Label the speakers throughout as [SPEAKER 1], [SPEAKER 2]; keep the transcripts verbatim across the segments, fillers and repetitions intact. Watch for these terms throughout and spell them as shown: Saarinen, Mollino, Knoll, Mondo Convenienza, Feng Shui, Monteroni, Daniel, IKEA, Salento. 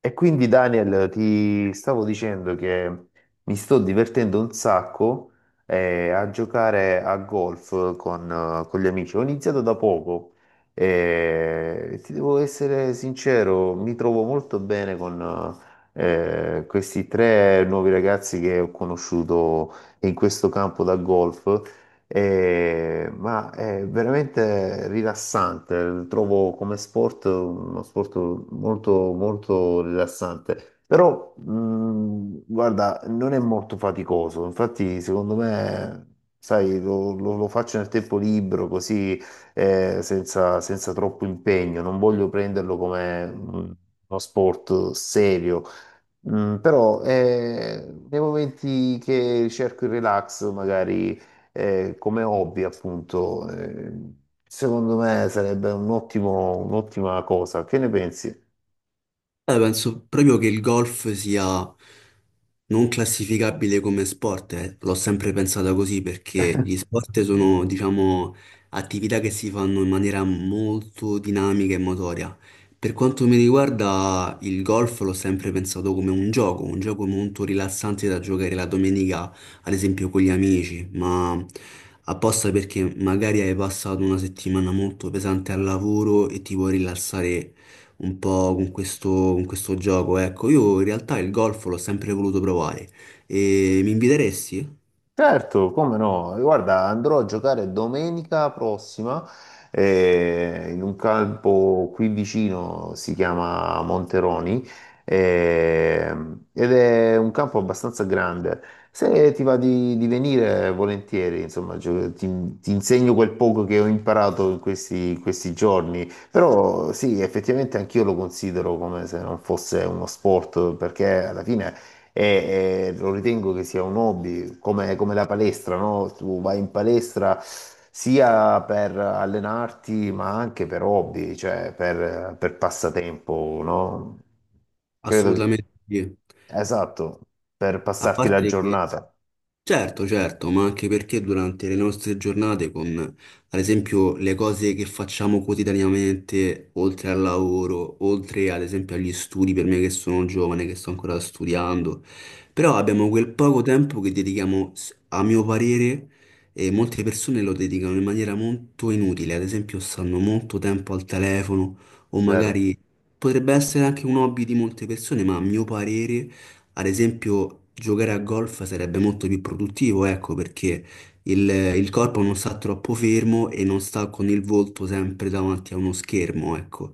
[SPEAKER 1] E quindi Daniel, ti stavo dicendo che mi sto divertendo un sacco eh, a giocare a golf con, eh, con gli amici. Ho iniziato da poco eh, e ti devo essere sincero, mi trovo molto bene con eh, questi tre nuovi ragazzi che ho conosciuto in questo campo da golf eh, ma è veramente rilassante, trovo come sport uno sport molto, molto rilassante, però mh, guarda, non è molto faticoso. Infatti secondo me, sai, lo, lo- lo faccio nel tempo libero così eh, senza, senza troppo impegno, non voglio prenderlo come mh, uno sport serio. Mm, però eh, nei momenti che cerco il relax, magari eh, come hobby, appunto, eh, secondo me sarebbe un ottimo- un'ottima cosa. Che ne pensi?
[SPEAKER 2] Eh, penso proprio che il golf sia non classificabile come sport, eh. L'ho sempre pensata così perché gli sport sono, diciamo, attività che si fanno in maniera molto dinamica e motoria. Per quanto mi riguarda, il golf l'ho sempre pensato come un gioco, un gioco molto rilassante da giocare la domenica, ad esempio con gli amici, ma apposta perché magari hai passato una settimana molto pesante al lavoro e ti vuoi rilassare un po' con questo, con questo gioco. Ecco, io in realtà il golf l'ho sempre voluto provare. E mi inviteresti?
[SPEAKER 1] Certo, come no? Guarda, andrò a giocare domenica prossima eh, in un campo qui vicino, si chiama Monteroni, eh, ed è un campo abbastanza grande. Se ti va di, di venire, volentieri, insomma, gio- ti, ti insegno quel poco che ho imparato in questi, in questi giorni. Però sì, effettivamente anch'io lo considero come se non fosse uno sport, perché alla fine e, e lo ritengo che sia un hobby, come, come la palestra, no? Tu vai in palestra sia per allenarti, ma anche per hobby, cioè per, per passatempo, no? Credo che...
[SPEAKER 2] Assolutamente sì.
[SPEAKER 1] Esatto, per
[SPEAKER 2] A
[SPEAKER 1] passarti la
[SPEAKER 2] parte che.
[SPEAKER 1] giornata,
[SPEAKER 2] Certo, certo, ma anche perché durante le nostre giornate, con ad esempio le cose che facciamo quotidianamente, oltre al lavoro, oltre ad esempio agli studi, per me che sono giovane, che sto ancora studiando, però abbiamo quel poco tempo che dedichiamo, s- a mio parere, e molte persone lo dedicano in maniera molto inutile, ad esempio stanno molto tempo al telefono o
[SPEAKER 1] vero?
[SPEAKER 2] magari potrebbe essere anche un hobby di molte persone, ma a mio parere. Ad esempio, giocare a golf sarebbe molto più produttivo, ecco, perché il, il corpo non sta troppo fermo e non sta con il volto sempre davanti a uno schermo, ecco.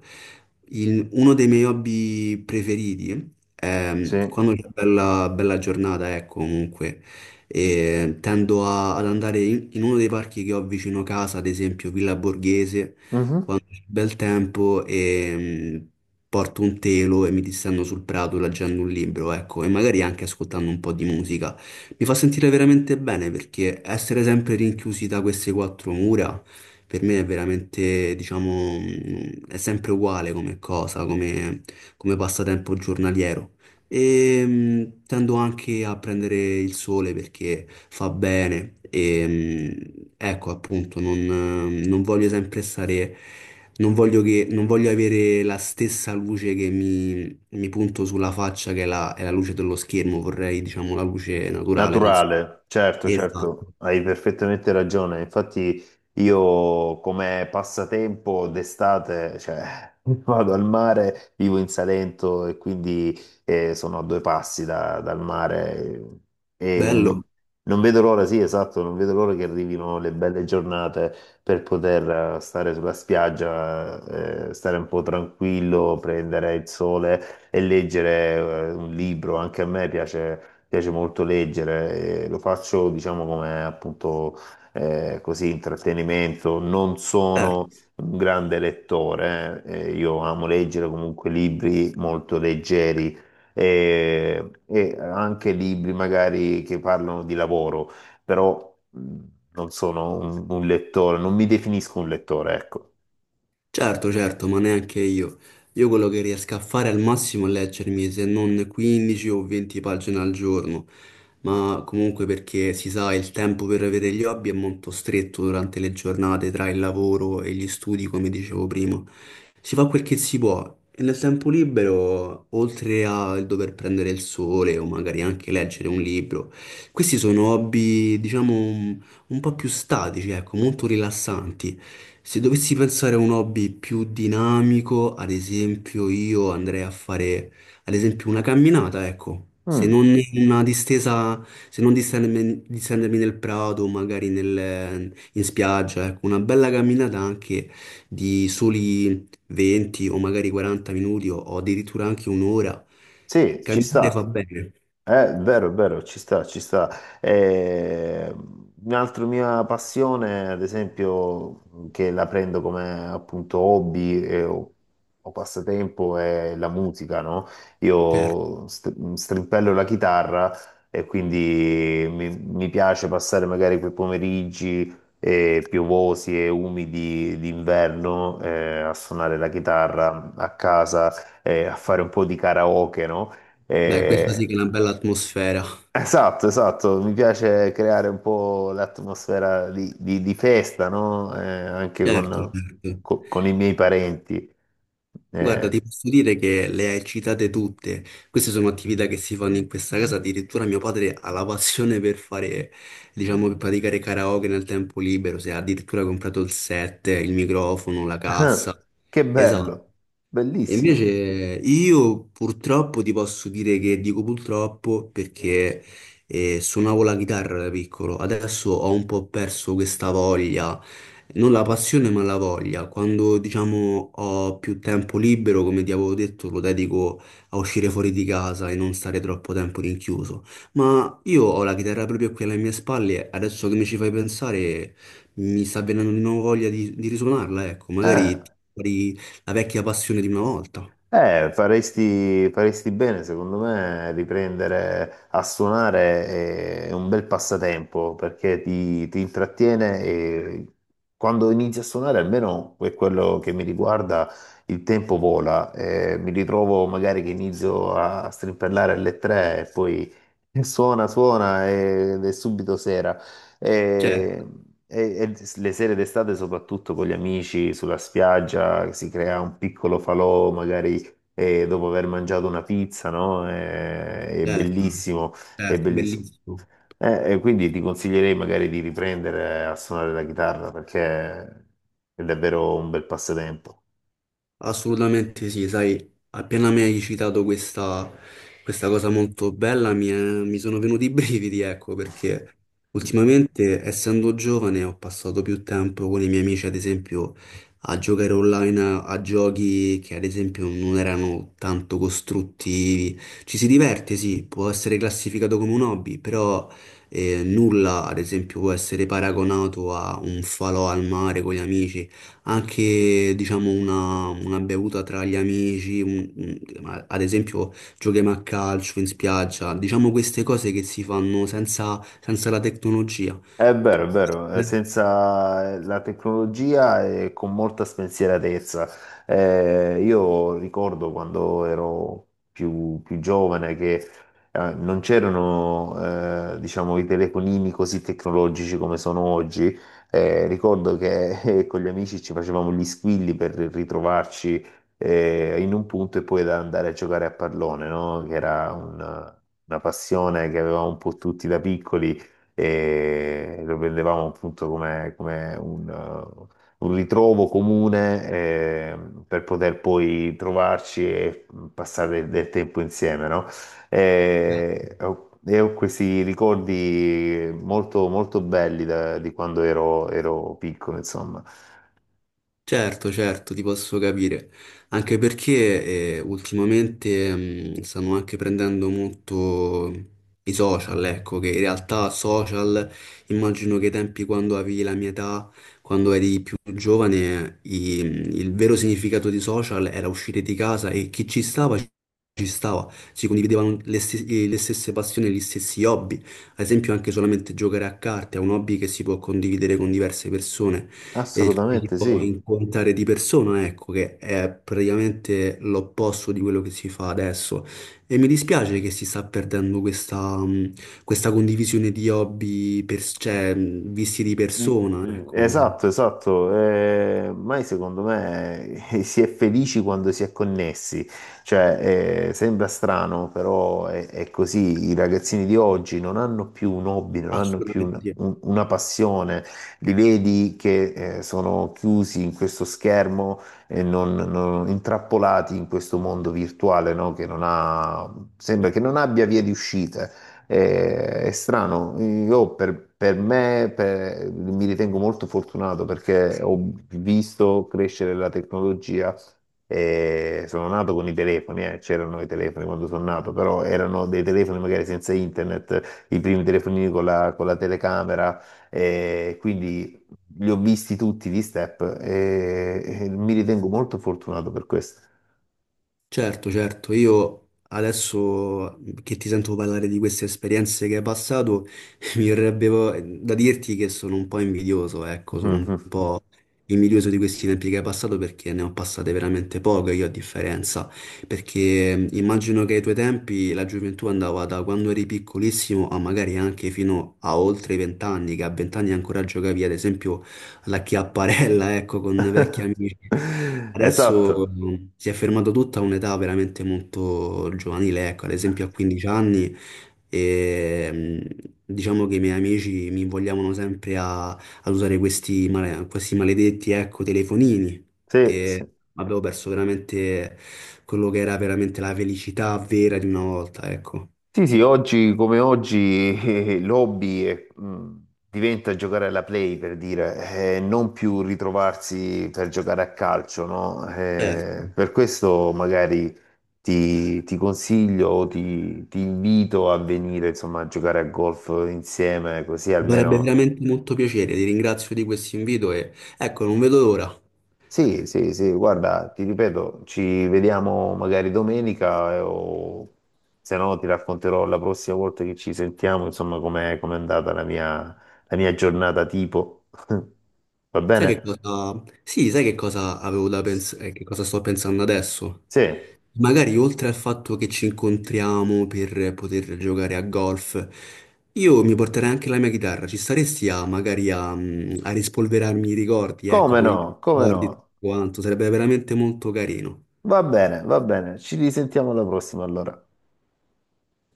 [SPEAKER 2] Il- uno dei miei hobby preferiti è mm,
[SPEAKER 1] Sì.
[SPEAKER 2] quando c'è bella, bella giornata, ecco, comunque, e tendo a- ad andare in, in uno dei parchi che ho vicino casa, ad esempio Villa Borghese,
[SPEAKER 1] Mhm.
[SPEAKER 2] bel tempo e mh, porto un telo e mi distendo sul prato leggendo un libro, ecco, e magari anche ascoltando un po' di musica. Mi fa sentire veramente bene perché essere sempre rinchiusi da queste quattro mura per me è veramente, diciamo, mh, è sempre uguale come cosa, come, come passatempo giornaliero. E mh, tendo anche a prendere il sole perché fa bene e mh, ecco appunto non, eh, non voglio sempre stare, non voglio che, non voglio avere la stessa luce che mi, mi punto sulla faccia che è la, è la luce dello schermo, vorrei diciamo la luce naturale del sole.
[SPEAKER 1] Naturale, certo, certo,
[SPEAKER 2] Esatto.
[SPEAKER 1] hai perfettamente ragione. Infatti io come passatempo d'estate, cioè, vado al mare, vivo in Salento e quindi eh, sono a due passi da- dal mare e non,
[SPEAKER 2] Bello.
[SPEAKER 1] non vedo l'ora, sì, esatto, non vedo l'ora che arrivino le belle giornate per poter eh, stare sulla spiaggia, eh, stare un po' tranquillo, prendere il sole e leggere eh, un libro. Anche a me piace piace molto leggere, eh, lo faccio diciamo come appunto eh, così intrattenimento, non
[SPEAKER 2] Eh.
[SPEAKER 1] sono un grande lettore, eh, eh, io amo leggere comunque libri molto leggeri eh, e anche libri magari che parlano di lavoro, però mh, non sono un, un lettore, non mi definisco un lettore, ecco.
[SPEAKER 2] Certo, certo, ma neanche io. Io quello che riesco a fare al massimo è leggermi se non quindici o venti pagine al giorno, ma comunque perché si sa il tempo per avere gli hobby è molto stretto durante le giornate tra il lavoro e gli studi, come dicevo prima. Si fa quel che si può e nel tempo libero, oltre al dover prendere il sole o magari anche leggere un libro, questi sono hobby, diciamo, un po' più statici, ecco, molto rilassanti. Se dovessi pensare a un hobby più dinamico, ad esempio, io andrei a fare, ad esempio, una camminata, ecco. Se non
[SPEAKER 1] Mm,
[SPEAKER 2] una distesa, se non distendermi, distendermi nel prato, magari nel- in spiaggia, ecco, una bella camminata anche di soli venti o magari quaranta minuti o, o addirittura anche un'ora.
[SPEAKER 1] sì, ci
[SPEAKER 2] Camminare fa
[SPEAKER 1] sta.
[SPEAKER 2] bene,
[SPEAKER 1] Eh, vero, è vero, ci sta, ci sta. Eh, un'altra mia passione, ad esempio, che la prendo come appunto hobby eh, o, o passatempo, è la musica, no?
[SPEAKER 2] certo.
[SPEAKER 1] Io st- strimpello la chitarra e quindi mi, mi piace passare magari quei pomeriggi eh, piovosi e umidi d'inverno eh, a suonare la chitarra a casa, eh, a fare un po' di karaoke, no? Mm.
[SPEAKER 2] Beh, questa
[SPEAKER 1] Eh,
[SPEAKER 2] sì che è una bella atmosfera.
[SPEAKER 1] esatto, esatto, mi piace creare un po' l'atmosfera di, di- di festa, no? Eh, anche
[SPEAKER 2] Certo,
[SPEAKER 1] con,
[SPEAKER 2] certo.
[SPEAKER 1] co- con i miei parenti.
[SPEAKER 2] Guarda, ti
[SPEAKER 1] Eh,
[SPEAKER 2] posso dire che le hai citate tutte. Queste sono attività che si fanno in questa casa. Addirittura mio padre ha la passione per fare, diciamo, per praticare karaoke nel tempo libero. Si è addirittura comprato il set, il microfono, la cassa.
[SPEAKER 1] che
[SPEAKER 2] Esatto.
[SPEAKER 1] bello,
[SPEAKER 2] E
[SPEAKER 1] bellissimo.
[SPEAKER 2] invece io purtroppo ti posso dire che dico purtroppo perché eh, suonavo la chitarra da piccolo, adesso ho un po' perso questa voglia, non la passione ma la voglia. Quando diciamo ho più tempo libero, come ti avevo detto, lo dedico a uscire fuori di casa e non stare troppo tempo rinchiuso. Ma io ho la chitarra proprio qui alle mie spalle, adesso che mi ci fai pensare mi sta venendo di nuovo voglia di, di risuonarla, ecco,
[SPEAKER 1] Eh.
[SPEAKER 2] magari ti- la vecchia passione di una volta.
[SPEAKER 1] Eh, faresti, faresti bene, secondo me, riprendere a suonare è un bel passatempo perché ti, ti intrattiene e quando inizi a suonare, almeno per quello che mi riguarda, il tempo vola. Eh, mi ritrovo magari che inizio a strimpellare alle tre e poi suona, suona ed è subito sera.
[SPEAKER 2] Certo,
[SPEAKER 1] E, e- e le sere d'estate, soprattutto con gli amici sulla spiaggia, si crea un piccolo falò, magari e dopo aver mangiato una pizza, no? È, è
[SPEAKER 2] certo,
[SPEAKER 1] bellissimo, è
[SPEAKER 2] certo,
[SPEAKER 1] bellissimo.
[SPEAKER 2] bellissimo.
[SPEAKER 1] Eh, e quindi ti consiglierei magari di riprendere a suonare la chitarra perché è davvero un bel passatempo.
[SPEAKER 2] Assolutamente sì, sai, appena mi hai citato questa, questa cosa molto bella mi, è- mi sono venuti i brividi, ecco, perché ultimamente, essendo giovane, ho passato più tempo con i miei amici, ad esempio, a giocare online a, a giochi che, ad esempio, non erano tanto costruttivi. Ci si diverte, sì, può essere classificato come un hobby, però eh, nulla, ad esempio, può essere paragonato a un falò al mare con gli amici anche diciamo una, una bevuta tra gli amici, un- un- ad esempio giochiamo a calcio in spiaggia, diciamo queste cose che si fanno senza, senza la tecnologia.
[SPEAKER 1] È vero, è vero, eh, senza la tecnologia e con molta spensieratezza. Eh, io ricordo quando ero più, più giovane che eh, non c'erano eh, diciamo, i telefonini così tecnologici come sono oggi. Eh, ricordo che eh, con gli amici ci facevamo gli squilli per ritrovarci eh, in un punto e poi da andare a giocare a pallone, no? Che era una una passione che avevamo un po' tutti da piccoli e lo vedevamo appunto come, come un, eh, un ritrovo comune eh, per poter poi trovarci e mm, passare del tempo insieme, no?
[SPEAKER 2] Eh.
[SPEAKER 1] E, ho e ho questi ricordi molto, molto belli da- di quando ero, ero piccolo, insomma.
[SPEAKER 2] Certo, certo, ti posso capire, anche perché eh, ultimamente mh, stanno anche prendendo molto i social, ecco, che in realtà social, immagino che ai tempi quando avevi la mia età, quando eri più giovane, i- il vero significato di social era uscire di casa e chi ci stava, ci stava, si condividevano le, stes- le stesse passioni, gli stessi hobby, ad esempio anche solamente giocare a carte è un hobby che si può condividere con diverse persone e ci si
[SPEAKER 1] Assolutamente
[SPEAKER 2] può
[SPEAKER 1] sì.
[SPEAKER 2] incontrare di persona, ecco, che è praticamente l'opposto di quello che si fa adesso. E mi dispiace che si sta perdendo questa, mh, questa condivisione di hobby, per- cioè, mh, visti di
[SPEAKER 1] Mm,
[SPEAKER 2] persona,
[SPEAKER 1] mm,
[SPEAKER 2] ecco.
[SPEAKER 1] esatto, esatto. Eh, ormai secondo me eh, si è felici quando si è connessi, cioè eh, sembra strano, però è, è così. I ragazzini di oggi non hanno più un hobby, non hanno più un-
[SPEAKER 2] Assolutamente.
[SPEAKER 1] un- una passione, li vedi che eh, sono chiusi in questo schermo e non, non- intrappolati in questo mondo virtuale, no? Che non ha, sembra che non abbia vie di uscita. È, è strano, io per, per me per- mi ritengo molto fortunato perché ho visto crescere la tecnologia. E sono nato con i telefoni. Eh, c'erano i telefoni quando sono nato, però erano dei telefoni magari senza internet, i primi telefonini con la, con la telecamera, e quindi li ho visti tutti gli step e, e mi ritengo molto fortunato per questo.
[SPEAKER 2] Certo, certo, io adesso mhmm, che ti sento parlare di queste esperienze che hai passato, mi verrebbe vo- da dirti che sono un po' invidioso, ecco, sono un
[SPEAKER 1] Mhm.
[SPEAKER 2] po' invidioso di questi tempi che hai passato perché ne ho passate veramente poche io a differenza, perché mh, immagino che ai tuoi tempi la gioventù andava da quando eri piccolissimo a magari anche fino a oltre i vent'anni, che a vent'anni ancora giocavi ad esempio alla chiapparella, ecco, con vecchi amici. Adesso
[SPEAKER 1] Esatto,
[SPEAKER 2] mh, si è fermato tutto a un'età veramente molto giovanile, ecco, ad esempio a quindici anni, e, mh, diciamo che i miei amici mi invogliavano sempre a, ad usare questi, male- questi maledetti, ecco, telefonini
[SPEAKER 1] sì,
[SPEAKER 2] e
[SPEAKER 1] sì.
[SPEAKER 2] avevo perso veramente quello che era veramente la felicità vera di una volta, ecco.
[SPEAKER 1] Sì, sì, oggi come oggi eh, l'hobby è, mh, diventa giocare alla play, per dire, eh, non più ritrovarsi per giocare a calcio, no?
[SPEAKER 2] Certo.
[SPEAKER 1] Eh, per questo magari ti, ti consiglio, o ti, ti invito a venire, insomma, a giocare a golf insieme, così
[SPEAKER 2] Mi farebbe
[SPEAKER 1] almeno
[SPEAKER 2] veramente molto piacere, ti ringrazio di questo invito e ecco, non vedo l'ora.
[SPEAKER 1] sì, sì, sì, guarda, ti ripeto, ci vediamo magari domenica eh, o se no ti racconterò la prossima volta che ci sentiamo, insomma, com'è com'è andata la mia, la mia giornata tipo. Va
[SPEAKER 2] Sai che
[SPEAKER 1] bene?
[SPEAKER 2] cosa? Sì, sai che cosa avevo da pensare, che cosa sto pensando adesso?
[SPEAKER 1] Sì,
[SPEAKER 2] Magari oltre al fatto che ci incontriamo per poter giocare a golf, io mi porterei anche la mia chitarra. Ci staresti a magari a, mm, a rispolverarmi i ricordi, ecco,
[SPEAKER 1] come
[SPEAKER 2] con i
[SPEAKER 1] no, come
[SPEAKER 2] ricordi e tutto
[SPEAKER 1] no.
[SPEAKER 2] quanto, sarebbe veramente molto carino.
[SPEAKER 1] Va bene, va bene, ci risentiamo alla prossima allora.